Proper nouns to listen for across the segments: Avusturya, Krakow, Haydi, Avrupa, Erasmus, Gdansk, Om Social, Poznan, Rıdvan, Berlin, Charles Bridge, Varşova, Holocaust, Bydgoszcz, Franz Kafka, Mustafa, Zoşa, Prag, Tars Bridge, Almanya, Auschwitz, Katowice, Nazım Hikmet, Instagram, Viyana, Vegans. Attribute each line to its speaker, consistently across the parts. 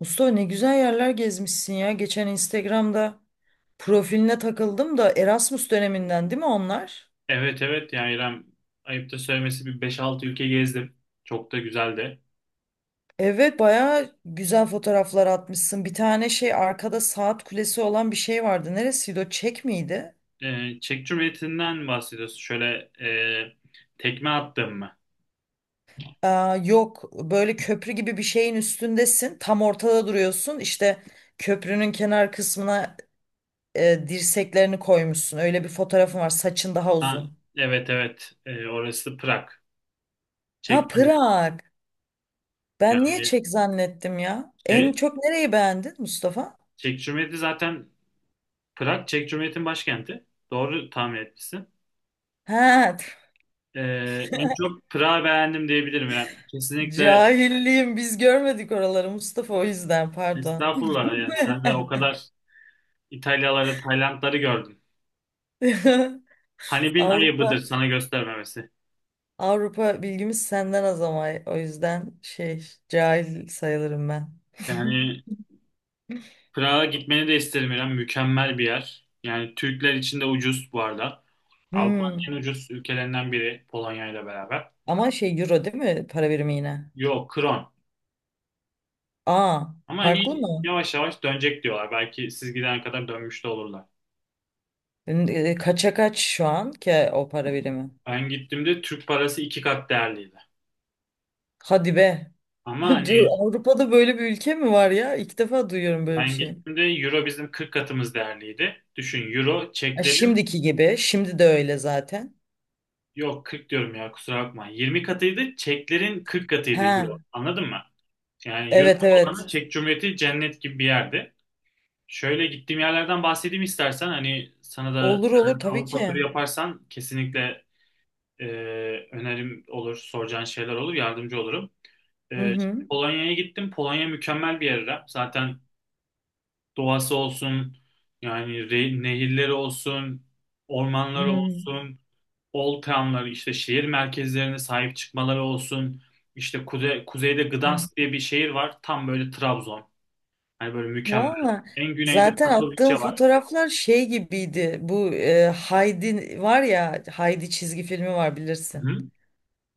Speaker 1: Mustafa ne güzel yerler gezmişsin ya. Geçen Instagram'da profiline takıldım da Erasmus döneminden değil mi onlar?
Speaker 2: Evet, evet, yani İrem, ayıp da söylemesi bir beş altı ülke gezdim. Çok da güzeldi.
Speaker 1: Evet baya güzel fotoğraflar atmışsın. Bir tane şey arkada saat kulesi olan bir şey vardı. Neresiydi o? Çek miydi?
Speaker 2: Çek Cumhuriyeti'nden bahsediyorsun. Şöyle, tekme attım mı?
Speaker 1: Aa, yok böyle köprü gibi bir şeyin üstündesin. Tam ortada duruyorsun. İşte köprünün kenar kısmına dirseklerini koymuşsun. Öyle bir fotoğrafın var. Saçın daha
Speaker 2: Ha,
Speaker 1: uzun.
Speaker 2: evet, evet. Orası Prag.
Speaker 1: Ha,
Speaker 2: Çek Cumhuriyeti.
Speaker 1: Prag. Ben niye
Speaker 2: Yani
Speaker 1: çek zannettim ya? En
Speaker 2: şey,
Speaker 1: çok nereyi beğendin Mustafa?
Speaker 2: Çek Cumhuriyeti zaten Prag, Çek Cumhuriyeti'nin başkenti. Doğru tahmin etmişsin.
Speaker 1: Ha,
Speaker 2: En çok Prag'ı beğendim diyebilirim. Yani kesinlikle.
Speaker 1: cahilliğim, biz görmedik oraları Mustafa, o yüzden pardon.
Speaker 2: Estağfurullah, yani sen de o kadar İtalyaları, Taylandları gördün. Hani bin ayıbıdır
Speaker 1: Avrupa
Speaker 2: sana göstermemesi.
Speaker 1: Avrupa bilgimiz senden az ama o yüzden şey, cahil sayılırım ben.
Speaker 2: Yani Prag'a gitmeni de isterim İrem. Mükemmel bir yer. Yani Türkler için de ucuz bu arada. Avrupa'nın
Speaker 1: Hmm.
Speaker 2: en ucuz ülkelerinden biri Polonya ile beraber.
Speaker 1: Ama şey, euro değil mi para birimi yine?
Speaker 2: Yok, kron.
Speaker 1: Aa,
Speaker 2: Ama
Speaker 1: farklı
Speaker 2: hani
Speaker 1: mı?
Speaker 2: yavaş yavaş dönecek diyorlar. Belki siz gidene kadar dönmüş de olurlar.
Speaker 1: Kaça kaç şu an ki o para birimi?
Speaker 2: Ben gittiğimde Türk parası iki kat değerliydi.
Speaker 1: Hadi be.
Speaker 2: Ama
Speaker 1: Diyor,
Speaker 2: hani
Speaker 1: Avrupa'da böyle bir ülke mi var ya? İlk defa duyuyorum böyle bir
Speaker 2: ben
Speaker 1: şey.
Speaker 2: gittiğimde Euro bizim 40 katımız değerliydi. Düşün, Euro
Speaker 1: Ha,
Speaker 2: çeklerin,
Speaker 1: şimdiki gibi. Şimdi de öyle zaten.
Speaker 2: yok 40 diyorum ya, kusura bakma. 20 katıydı çeklerin, 40 katıydı Euro.
Speaker 1: Ha,
Speaker 2: Anladın mı? Yani yurt
Speaker 1: evet
Speaker 2: olanı
Speaker 1: evet.
Speaker 2: Çek Cumhuriyeti cennet gibi bir yerdi. Şöyle gittiğim yerlerden bahsedeyim istersen. Hani sana da
Speaker 1: Olur olur
Speaker 2: yani
Speaker 1: tabii
Speaker 2: Avrupa
Speaker 1: ki.
Speaker 2: turu yaparsan kesinlikle e, önerim olur, soracağın şeyler olur, yardımcı olurum.
Speaker 1: Hı
Speaker 2: Şimdi
Speaker 1: hı.
Speaker 2: Polonya'ya gittim. Polonya mükemmel bir yer, İrem. Zaten doğası olsun, yani nehirleri olsun, ormanları
Speaker 1: Hı
Speaker 2: olsun, old town'ları, işte şehir merkezlerine sahip çıkmaları olsun. İşte kuzeyde
Speaker 1: hı.
Speaker 2: Gdansk diye bir şehir var. Tam böyle Trabzon. Yani böyle mükemmel.
Speaker 1: Valla
Speaker 2: En güneyde
Speaker 1: zaten attığım
Speaker 2: Katowice var.
Speaker 1: fotoğraflar şey gibiydi. Bu Haydi var ya, Haydi çizgi filmi var,
Speaker 2: Hı
Speaker 1: bilirsin.
Speaker 2: hı.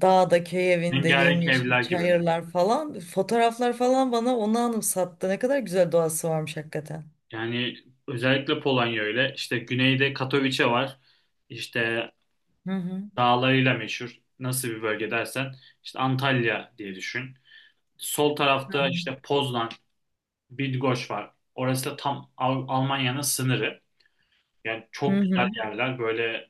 Speaker 1: Dağda köy evinde
Speaker 2: Rengarenk
Speaker 1: yemyeşil
Speaker 2: evler gibi mi?
Speaker 1: çayırlar falan. Fotoğraflar falan bana onu anımsattı. Ne kadar güzel doğası varmış hakikaten.
Speaker 2: Yani özellikle Polonya öyle. İşte güneyde Katowice var. İşte
Speaker 1: Hı hı.
Speaker 2: dağlarıyla meşhur. Nasıl bir bölge dersen, işte Antalya diye düşün. Sol tarafta işte Poznan, Bydgoszcz var. Orası da tam Almanya'nın sınırı. Yani
Speaker 1: Hı
Speaker 2: çok güzel
Speaker 1: hı.
Speaker 2: yerler. Böyle,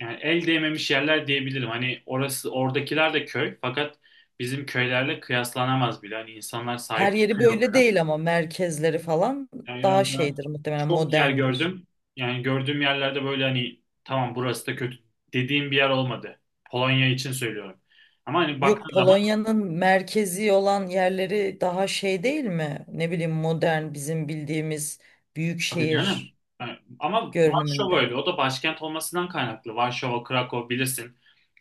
Speaker 2: yani el değmemiş yerler diyebilirim. Hani orası, oradakiler de köy, fakat bizim köylerle kıyaslanamaz bile. Hani insanlar
Speaker 1: Her
Speaker 2: sahip
Speaker 1: yeri
Speaker 2: çıkıyor
Speaker 1: böyle
Speaker 2: bana.
Speaker 1: değil ama merkezleri falan
Speaker 2: Yani
Speaker 1: daha
Speaker 2: İran'da
Speaker 1: şeydir muhtemelen,
Speaker 2: çok yer
Speaker 1: moderndir.
Speaker 2: gördüm. Yani gördüğüm yerlerde böyle hani, tamam burası da kötü dediğim bir yer olmadı. Polonya için söylüyorum. Ama hani
Speaker 1: Yok,
Speaker 2: baktığın zaman,
Speaker 1: Polonya'nın merkezi olan yerleri daha şey değil mi? Ne bileyim, modern, bizim bildiğimiz büyük
Speaker 2: tabii canım.
Speaker 1: şehir
Speaker 2: Yani ama Varşova
Speaker 1: görünümünde.
Speaker 2: öyle. O da başkent olmasından kaynaklı. Varşova, Krakow bilirsin.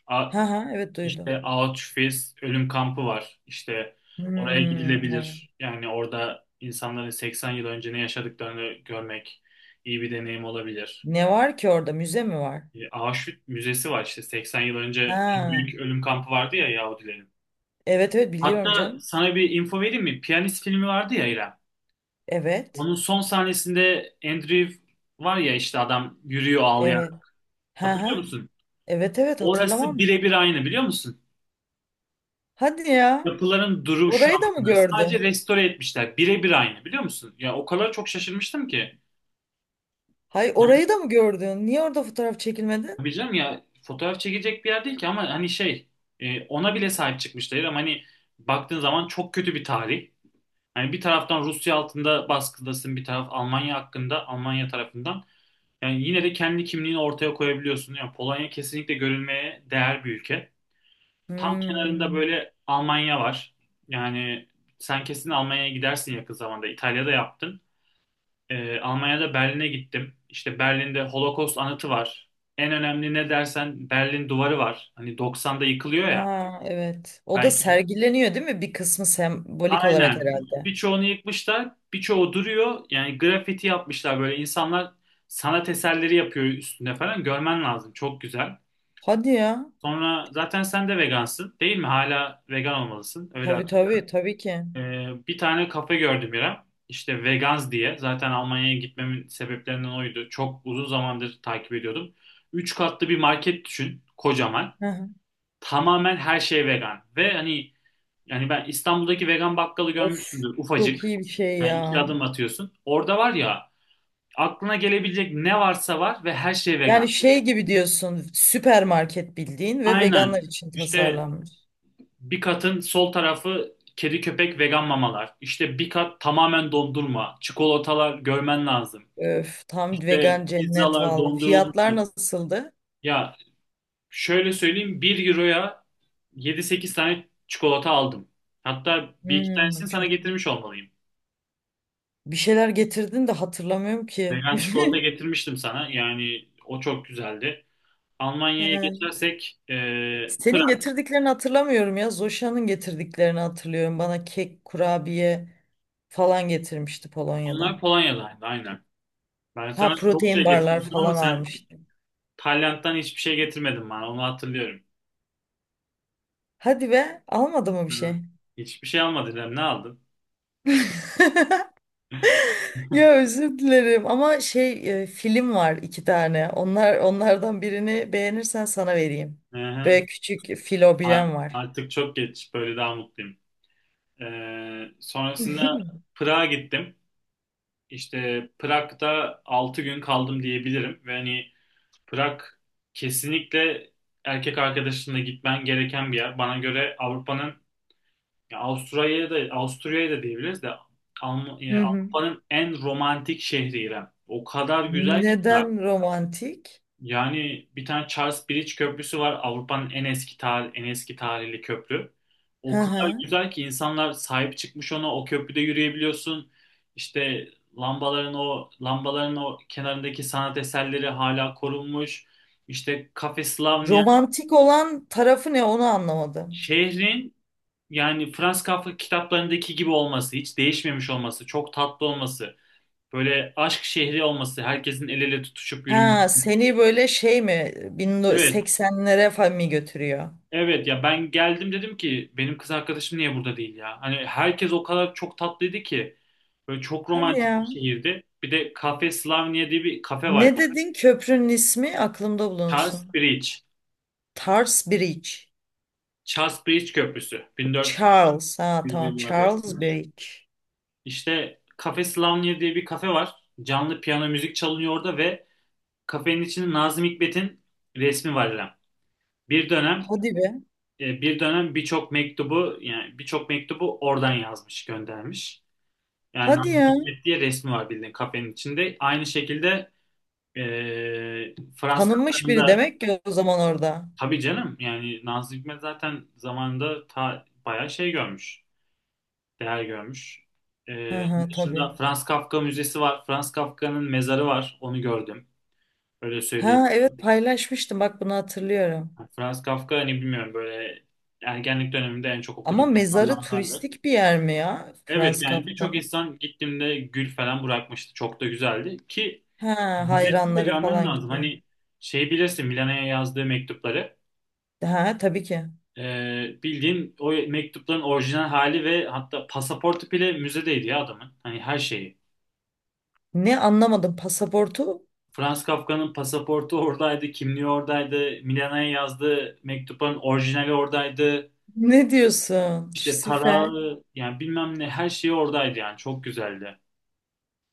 Speaker 2: A-
Speaker 1: Ha ha, evet duydum.
Speaker 2: İşte Auschwitz ölüm kampı var. İşte oraya
Speaker 1: Hmm, evet.
Speaker 2: gidilebilir. Yani orada insanların 80 yıl önce ne yaşadıklarını görmek iyi bir deneyim olabilir.
Speaker 1: Ne var ki orada? Müze mi var?
Speaker 2: Auschwitz Müzesi var, işte 80 yıl önce en
Speaker 1: Ha.
Speaker 2: büyük ölüm kampı vardı ya Yahudilerin.
Speaker 1: Evet evet biliyorum
Speaker 2: Hatta
Speaker 1: canım.
Speaker 2: sana bir info vereyim mi? Piyanist filmi vardı ya İrem.
Speaker 1: Evet.
Speaker 2: Onun son sahnesinde Andrew var ya, işte adam yürüyor ağlayan.
Speaker 1: Evet. Ha
Speaker 2: Hatırlıyor
Speaker 1: ha.
Speaker 2: musun?
Speaker 1: Evet evet
Speaker 2: Orası
Speaker 1: hatırlamam.
Speaker 2: birebir aynı, biliyor musun?
Speaker 1: Hadi ya.
Speaker 2: Yapıların duruşu
Speaker 1: Orayı da mı
Speaker 2: aslında. Sadece
Speaker 1: gördün?
Speaker 2: restore etmişler. Birebir aynı, biliyor musun? Ya o kadar çok şaşırmıştım ki.
Speaker 1: Hay
Speaker 2: Yani
Speaker 1: orayı da mı gördün? Niye orada fotoğraf çekilmedin?
Speaker 2: tabii canım ya, fotoğraf çekecek bir yer değil ki, ama hani şey, ona bile sahip çıkmışlar. Ama hani baktığın zaman çok kötü bir tarih. Hani bir taraftan Rusya altında baskıdasın, bir taraf Almanya hakkında, Almanya tarafından. Yani yine de kendi kimliğini ortaya koyabiliyorsun. Yani Polonya kesinlikle görülmeye değer bir ülke. Tam kenarında
Speaker 1: Hmm.
Speaker 2: böyle Almanya var. Yani sen kesin Almanya'ya gidersin yakın zamanda. İtalya'da yaptın. Almanya'da Berlin'e gittim. İşte Berlin'de Holocaust anıtı var. En önemli ne dersen, Berlin duvarı var. Hani 90'da yıkılıyor ya.
Speaker 1: Ha, evet. O da
Speaker 2: Belki
Speaker 1: sergileniyor değil mi? Bir kısmı sembolik olarak
Speaker 2: aynen.
Speaker 1: herhalde.
Speaker 2: Birçoğunu yıkmışlar, birçoğu duruyor. Yani grafiti yapmışlar, böyle insanlar sanat eserleri yapıyor üstünde falan. Görmen lazım. Çok güzel.
Speaker 1: Hadi ya.
Speaker 2: Sonra zaten sen de vegansın, değil mi? Hala vegan olmalısın. Öyle.
Speaker 1: Tabii tabii tabii ki.
Speaker 2: Bir tane kafe gördüm İrem. İşte Vegans diye. Zaten Almanya'ya gitmemin sebeplerinden oydu. Çok uzun zamandır takip ediyordum. Üç katlı bir market düşün. Kocaman.
Speaker 1: Hı hı.
Speaker 2: Tamamen her şey vegan. Ve hani yani ben, İstanbul'daki vegan bakkalı
Speaker 1: Of,
Speaker 2: görmüşsündür.
Speaker 1: çok
Speaker 2: Ufacık.
Speaker 1: iyi bir şey
Speaker 2: Yani iki
Speaker 1: ya.
Speaker 2: adım atıyorsun. Orada var ya, aklına gelebilecek ne varsa var ve her şey vegan.
Speaker 1: Yani şey gibi diyorsun, süpermarket bildiğin ve
Speaker 2: Aynen.
Speaker 1: veganlar için
Speaker 2: İşte
Speaker 1: tasarlanmış.
Speaker 2: bir katın sol tarafı kedi köpek vegan mamalar. İşte bir kat tamamen dondurma. Çikolatalar, görmen lazım.
Speaker 1: Öf, tam
Speaker 2: İşte
Speaker 1: vegan cennet
Speaker 2: pizzalar
Speaker 1: valla.
Speaker 2: dondurulmuş.
Speaker 1: Fiyatlar nasıldı?
Speaker 2: Ya şöyle söyleyeyim, bir euroya yedi sekiz tane çikolata aldım. Hatta bir iki
Speaker 1: Hmm,
Speaker 2: tanesini sana
Speaker 1: çok iyi.
Speaker 2: getirmiş olmalıyım.
Speaker 1: Bir şeyler getirdin de hatırlamıyorum ki.
Speaker 2: Vegan çikolata getirmiştim sana. Yani o çok güzeldi. Almanya'ya
Speaker 1: He,
Speaker 2: geçersek,
Speaker 1: Senin
Speaker 2: Prag.
Speaker 1: getirdiklerini hatırlamıyorum ya. Zoşa'nın getirdiklerini hatırlıyorum. Bana kek, kurabiye falan getirmişti
Speaker 2: Onlar
Speaker 1: Polonya'dan.
Speaker 2: Polonya'daydı aynen. Ben
Speaker 1: Ha,
Speaker 2: sana çok
Speaker 1: protein
Speaker 2: şey
Speaker 1: barlar
Speaker 2: getirmiştim ama
Speaker 1: falan
Speaker 2: sen
Speaker 1: almıştı.
Speaker 2: Tayland'dan hiçbir şey getirmedin bana. Onu hatırlıyorum.
Speaker 1: Hadi be, almadı mı bir
Speaker 2: Hı.
Speaker 1: şey?
Speaker 2: Hiçbir şey almadın. Ne aldın?
Speaker 1: Ya özür dilerim ama şey, film var iki tane. Onlar, onlardan birini beğenirsen sana vereyim.
Speaker 2: Hı hı.
Speaker 1: Böyle küçük fil var.
Speaker 2: Artık çok geç. Böyle daha mutluyum. Sonrasında Prag'a gittim. İşte Prag'da 6 gün kaldım diyebilirim. Ve hani Prag kesinlikle erkek arkadaşınla gitmen gereken bir yer. Bana göre Avrupa'nın, ya Avusturya'ya da, Avusturya'ya da diyebiliriz de,
Speaker 1: Hı hı.
Speaker 2: Avrupa'nın en romantik şehri İrem. O kadar güzel ki.
Speaker 1: Neden romantik?
Speaker 2: Yani bir tane Charles Bridge Köprüsü var. Avrupa'nın en eski tarih, en eski tarihli köprü.
Speaker 1: Hı
Speaker 2: O kadar
Speaker 1: hı.
Speaker 2: güzel ki insanlar sahip çıkmış ona. O köprüde yürüyebiliyorsun. İşte o lambaların, o kenarındaki sanat eserleri hala korunmuş. İşte Cafe Slavnia,
Speaker 1: Romantik olan tarafı ne, onu anlamadım.
Speaker 2: şehrin, yani Franz Kafka kitaplarındaki gibi olması, hiç değişmemiş olması, çok tatlı olması, böyle aşk şehri olması, herkesin el ele tutuşup yürümesi.
Speaker 1: Ha, seni böyle şey mi,
Speaker 2: Evet,
Speaker 1: 1980'lere falan mı götürüyor?
Speaker 2: evet ya, ben geldim dedim ki benim kız arkadaşım niye burada değil ya? Hani herkes o kadar çok tatlıydı ki. Böyle çok
Speaker 1: Hadi
Speaker 2: romantik bir
Speaker 1: ya.
Speaker 2: şehirdi. Bir de Cafe Slavnia diye bir kafe var.
Speaker 1: Ne dedin köprünün ismi, aklımda
Speaker 2: Charles
Speaker 1: bulunsun.
Speaker 2: Bridge.
Speaker 1: Tars Bridge.
Speaker 2: Charles Bridge Köprüsü.
Speaker 1: Charles. Ha
Speaker 2: 1400
Speaker 1: tamam,
Speaker 2: yıllarda
Speaker 1: Charles
Speaker 2: yapılmış.
Speaker 1: Bridge.
Speaker 2: İşte Cafe Slavnia diye bir kafe var. Canlı piyano müzik çalınıyor orada ve kafenin içinde Nazım Hikmet'in resmi var İrem. Bir dönem,
Speaker 1: Hadi be.
Speaker 2: birçok mektubu, yani birçok mektubu oradan yazmış, göndermiş. Yani
Speaker 1: Hadi
Speaker 2: Nazım
Speaker 1: ya.
Speaker 2: Hikmet diye resmi var bildiğin kafenin içinde. Aynı şekilde e, Frans
Speaker 1: Tanınmış
Speaker 2: Kafka'nın
Speaker 1: biri
Speaker 2: da,
Speaker 1: demek ki o zaman orada.
Speaker 2: tabii canım, yani Nazım Hikmet zaten zamanında ta, bayağı şey görmüş. Değer görmüş. E,
Speaker 1: Hı
Speaker 2: onun
Speaker 1: hı, tabii.
Speaker 2: dışında Frans Kafka Müzesi var. Frans Kafka'nın mezarı var. Onu gördüm. Öyle
Speaker 1: Ha evet,
Speaker 2: söyleyebilirim.
Speaker 1: paylaşmıştım, bak bunu hatırlıyorum.
Speaker 2: Yani Frans Kafka, hani bilmiyorum, böyle ergenlik döneminde en çok
Speaker 1: Ama
Speaker 2: okuduğum
Speaker 1: mezarı
Speaker 2: insanlardandı.
Speaker 1: turistik bir yer mi ya?
Speaker 2: Evet,
Speaker 1: Franz
Speaker 2: yani birçok
Speaker 1: Kafka'nın.
Speaker 2: insan gittiğimde gül falan bırakmıştı. Çok da güzeldi ki
Speaker 1: Ha,
Speaker 2: müzesini de
Speaker 1: hayranları
Speaker 2: görmen
Speaker 1: falan
Speaker 2: lazım.
Speaker 1: gidiyor.
Speaker 2: Hani şey, bilirsin, Milano'ya yazdığı mektupları.
Speaker 1: Ha, tabii ki.
Speaker 2: Bildiğin o mektupların orijinal hali ve hatta pasaportu bile müzedeydi ya adamın. Hani her şeyi.
Speaker 1: Ne, anlamadım, pasaportu?
Speaker 2: Franz Kafka'nın pasaportu oradaydı, kimliği oradaydı, Milano'ya yazdığı mektupların orijinali oradaydı.
Speaker 1: Ne diyorsun?
Speaker 2: İşte para,
Speaker 1: Süper.
Speaker 2: yani bilmem ne, her şey oradaydı, yani çok güzeldi.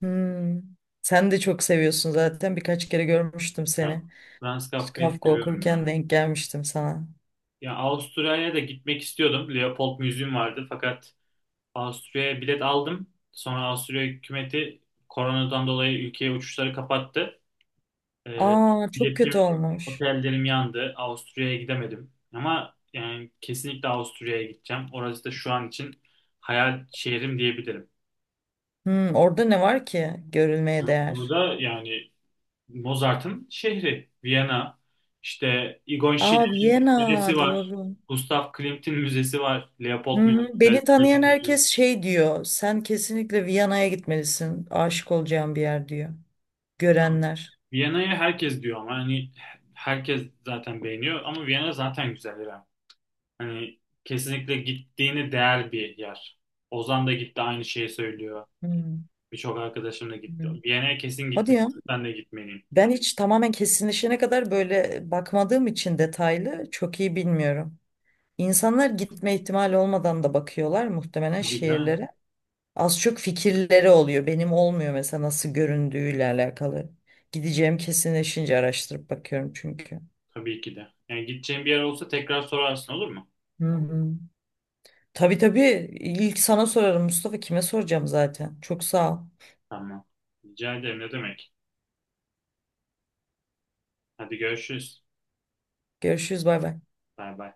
Speaker 1: Hmm. Sen de çok seviyorsun zaten. Birkaç kere görmüştüm
Speaker 2: Ya,
Speaker 1: seni.
Speaker 2: Franz
Speaker 1: İşte
Speaker 2: Kafka'yı
Speaker 1: Kafka
Speaker 2: seviyorum ya.
Speaker 1: okurken denk gelmiştim sana.
Speaker 2: Ya Avusturya'ya da gitmek istiyordum. Leopold Müziğim vardı fakat Avusturya'ya bilet aldım. Sonra Avusturya hükümeti koronadan dolayı ülkeye uçuşları kapattı. Ee,
Speaker 1: Aa, çok kötü
Speaker 2: biletim,
Speaker 1: olmuş.
Speaker 2: otellerim yandı. Avusturya'ya gidemedim. Ama yani kesinlikle Avusturya'ya gideceğim. Orası da şu an için hayal şehrim diyebilirim.
Speaker 1: Hmm, orada ne var ki görülmeye
Speaker 2: Bunu
Speaker 1: değer?
Speaker 2: da yani, Mozart'ın şehri Viyana. İşte Egon
Speaker 1: Aa,
Speaker 2: Schiller'in
Speaker 1: Viyana,
Speaker 2: müzesi var.
Speaker 1: doğru.
Speaker 2: Gustav Klimt'in müzesi var.
Speaker 1: Hı
Speaker 2: Leopold
Speaker 1: hı.
Speaker 2: Müzesi.
Speaker 1: Beni tanıyan herkes şey diyor. Sen kesinlikle Viyana'ya gitmelisin. Aşık olacağın bir yer diyor. Görenler.
Speaker 2: Viyana'ya herkes diyor ama hani herkes zaten beğeniyor, ama Viyana zaten güzel İrem. Hani kesinlikle gittiğini değer bir yer. Ozan da gitti, aynı şeyi söylüyor.
Speaker 1: Hı
Speaker 2: Birçok arkadaşım da gitti.
Speaker 1: hı.
Speaker 2: Viyana'ya kesin
Speaker 1: Hadi ya.
Speaker 2: gitmelisin, sen de gitmeliyim.
Speaker 1: Ben hiç tamamen kesinleşene kadar böyle bakmadığım için detaylı, çok iyi bilmiyorum. İnsanlar gitme ihtimali olmadan da bakıyorlar muhtemelen
Speaker 2: Tabii canım.
Speaker 1: şehirlere. Az çok fikirleri oluyor. Benim olmuyor mesela, nasıl göründüğüyle alakalı. Gideceğim kesinleşince araştırıp bakıyorum çünkü.
Speaker 2: Tabii ki de. Yani gideceğin bir yer olsa tekrar sorarsın, olur mu?
Speaker 1: Hı hı. Tabii tabii, ilk sana sorarım Mustafa, kime soracağım zaten. Çok sağ ol.
Speaker 2: Tamam. Rica ederim, ne demek. Hadi görüşürüz.
Speaker 1: Görüşürüz, bay bay.
Speaker 2: Bay bay.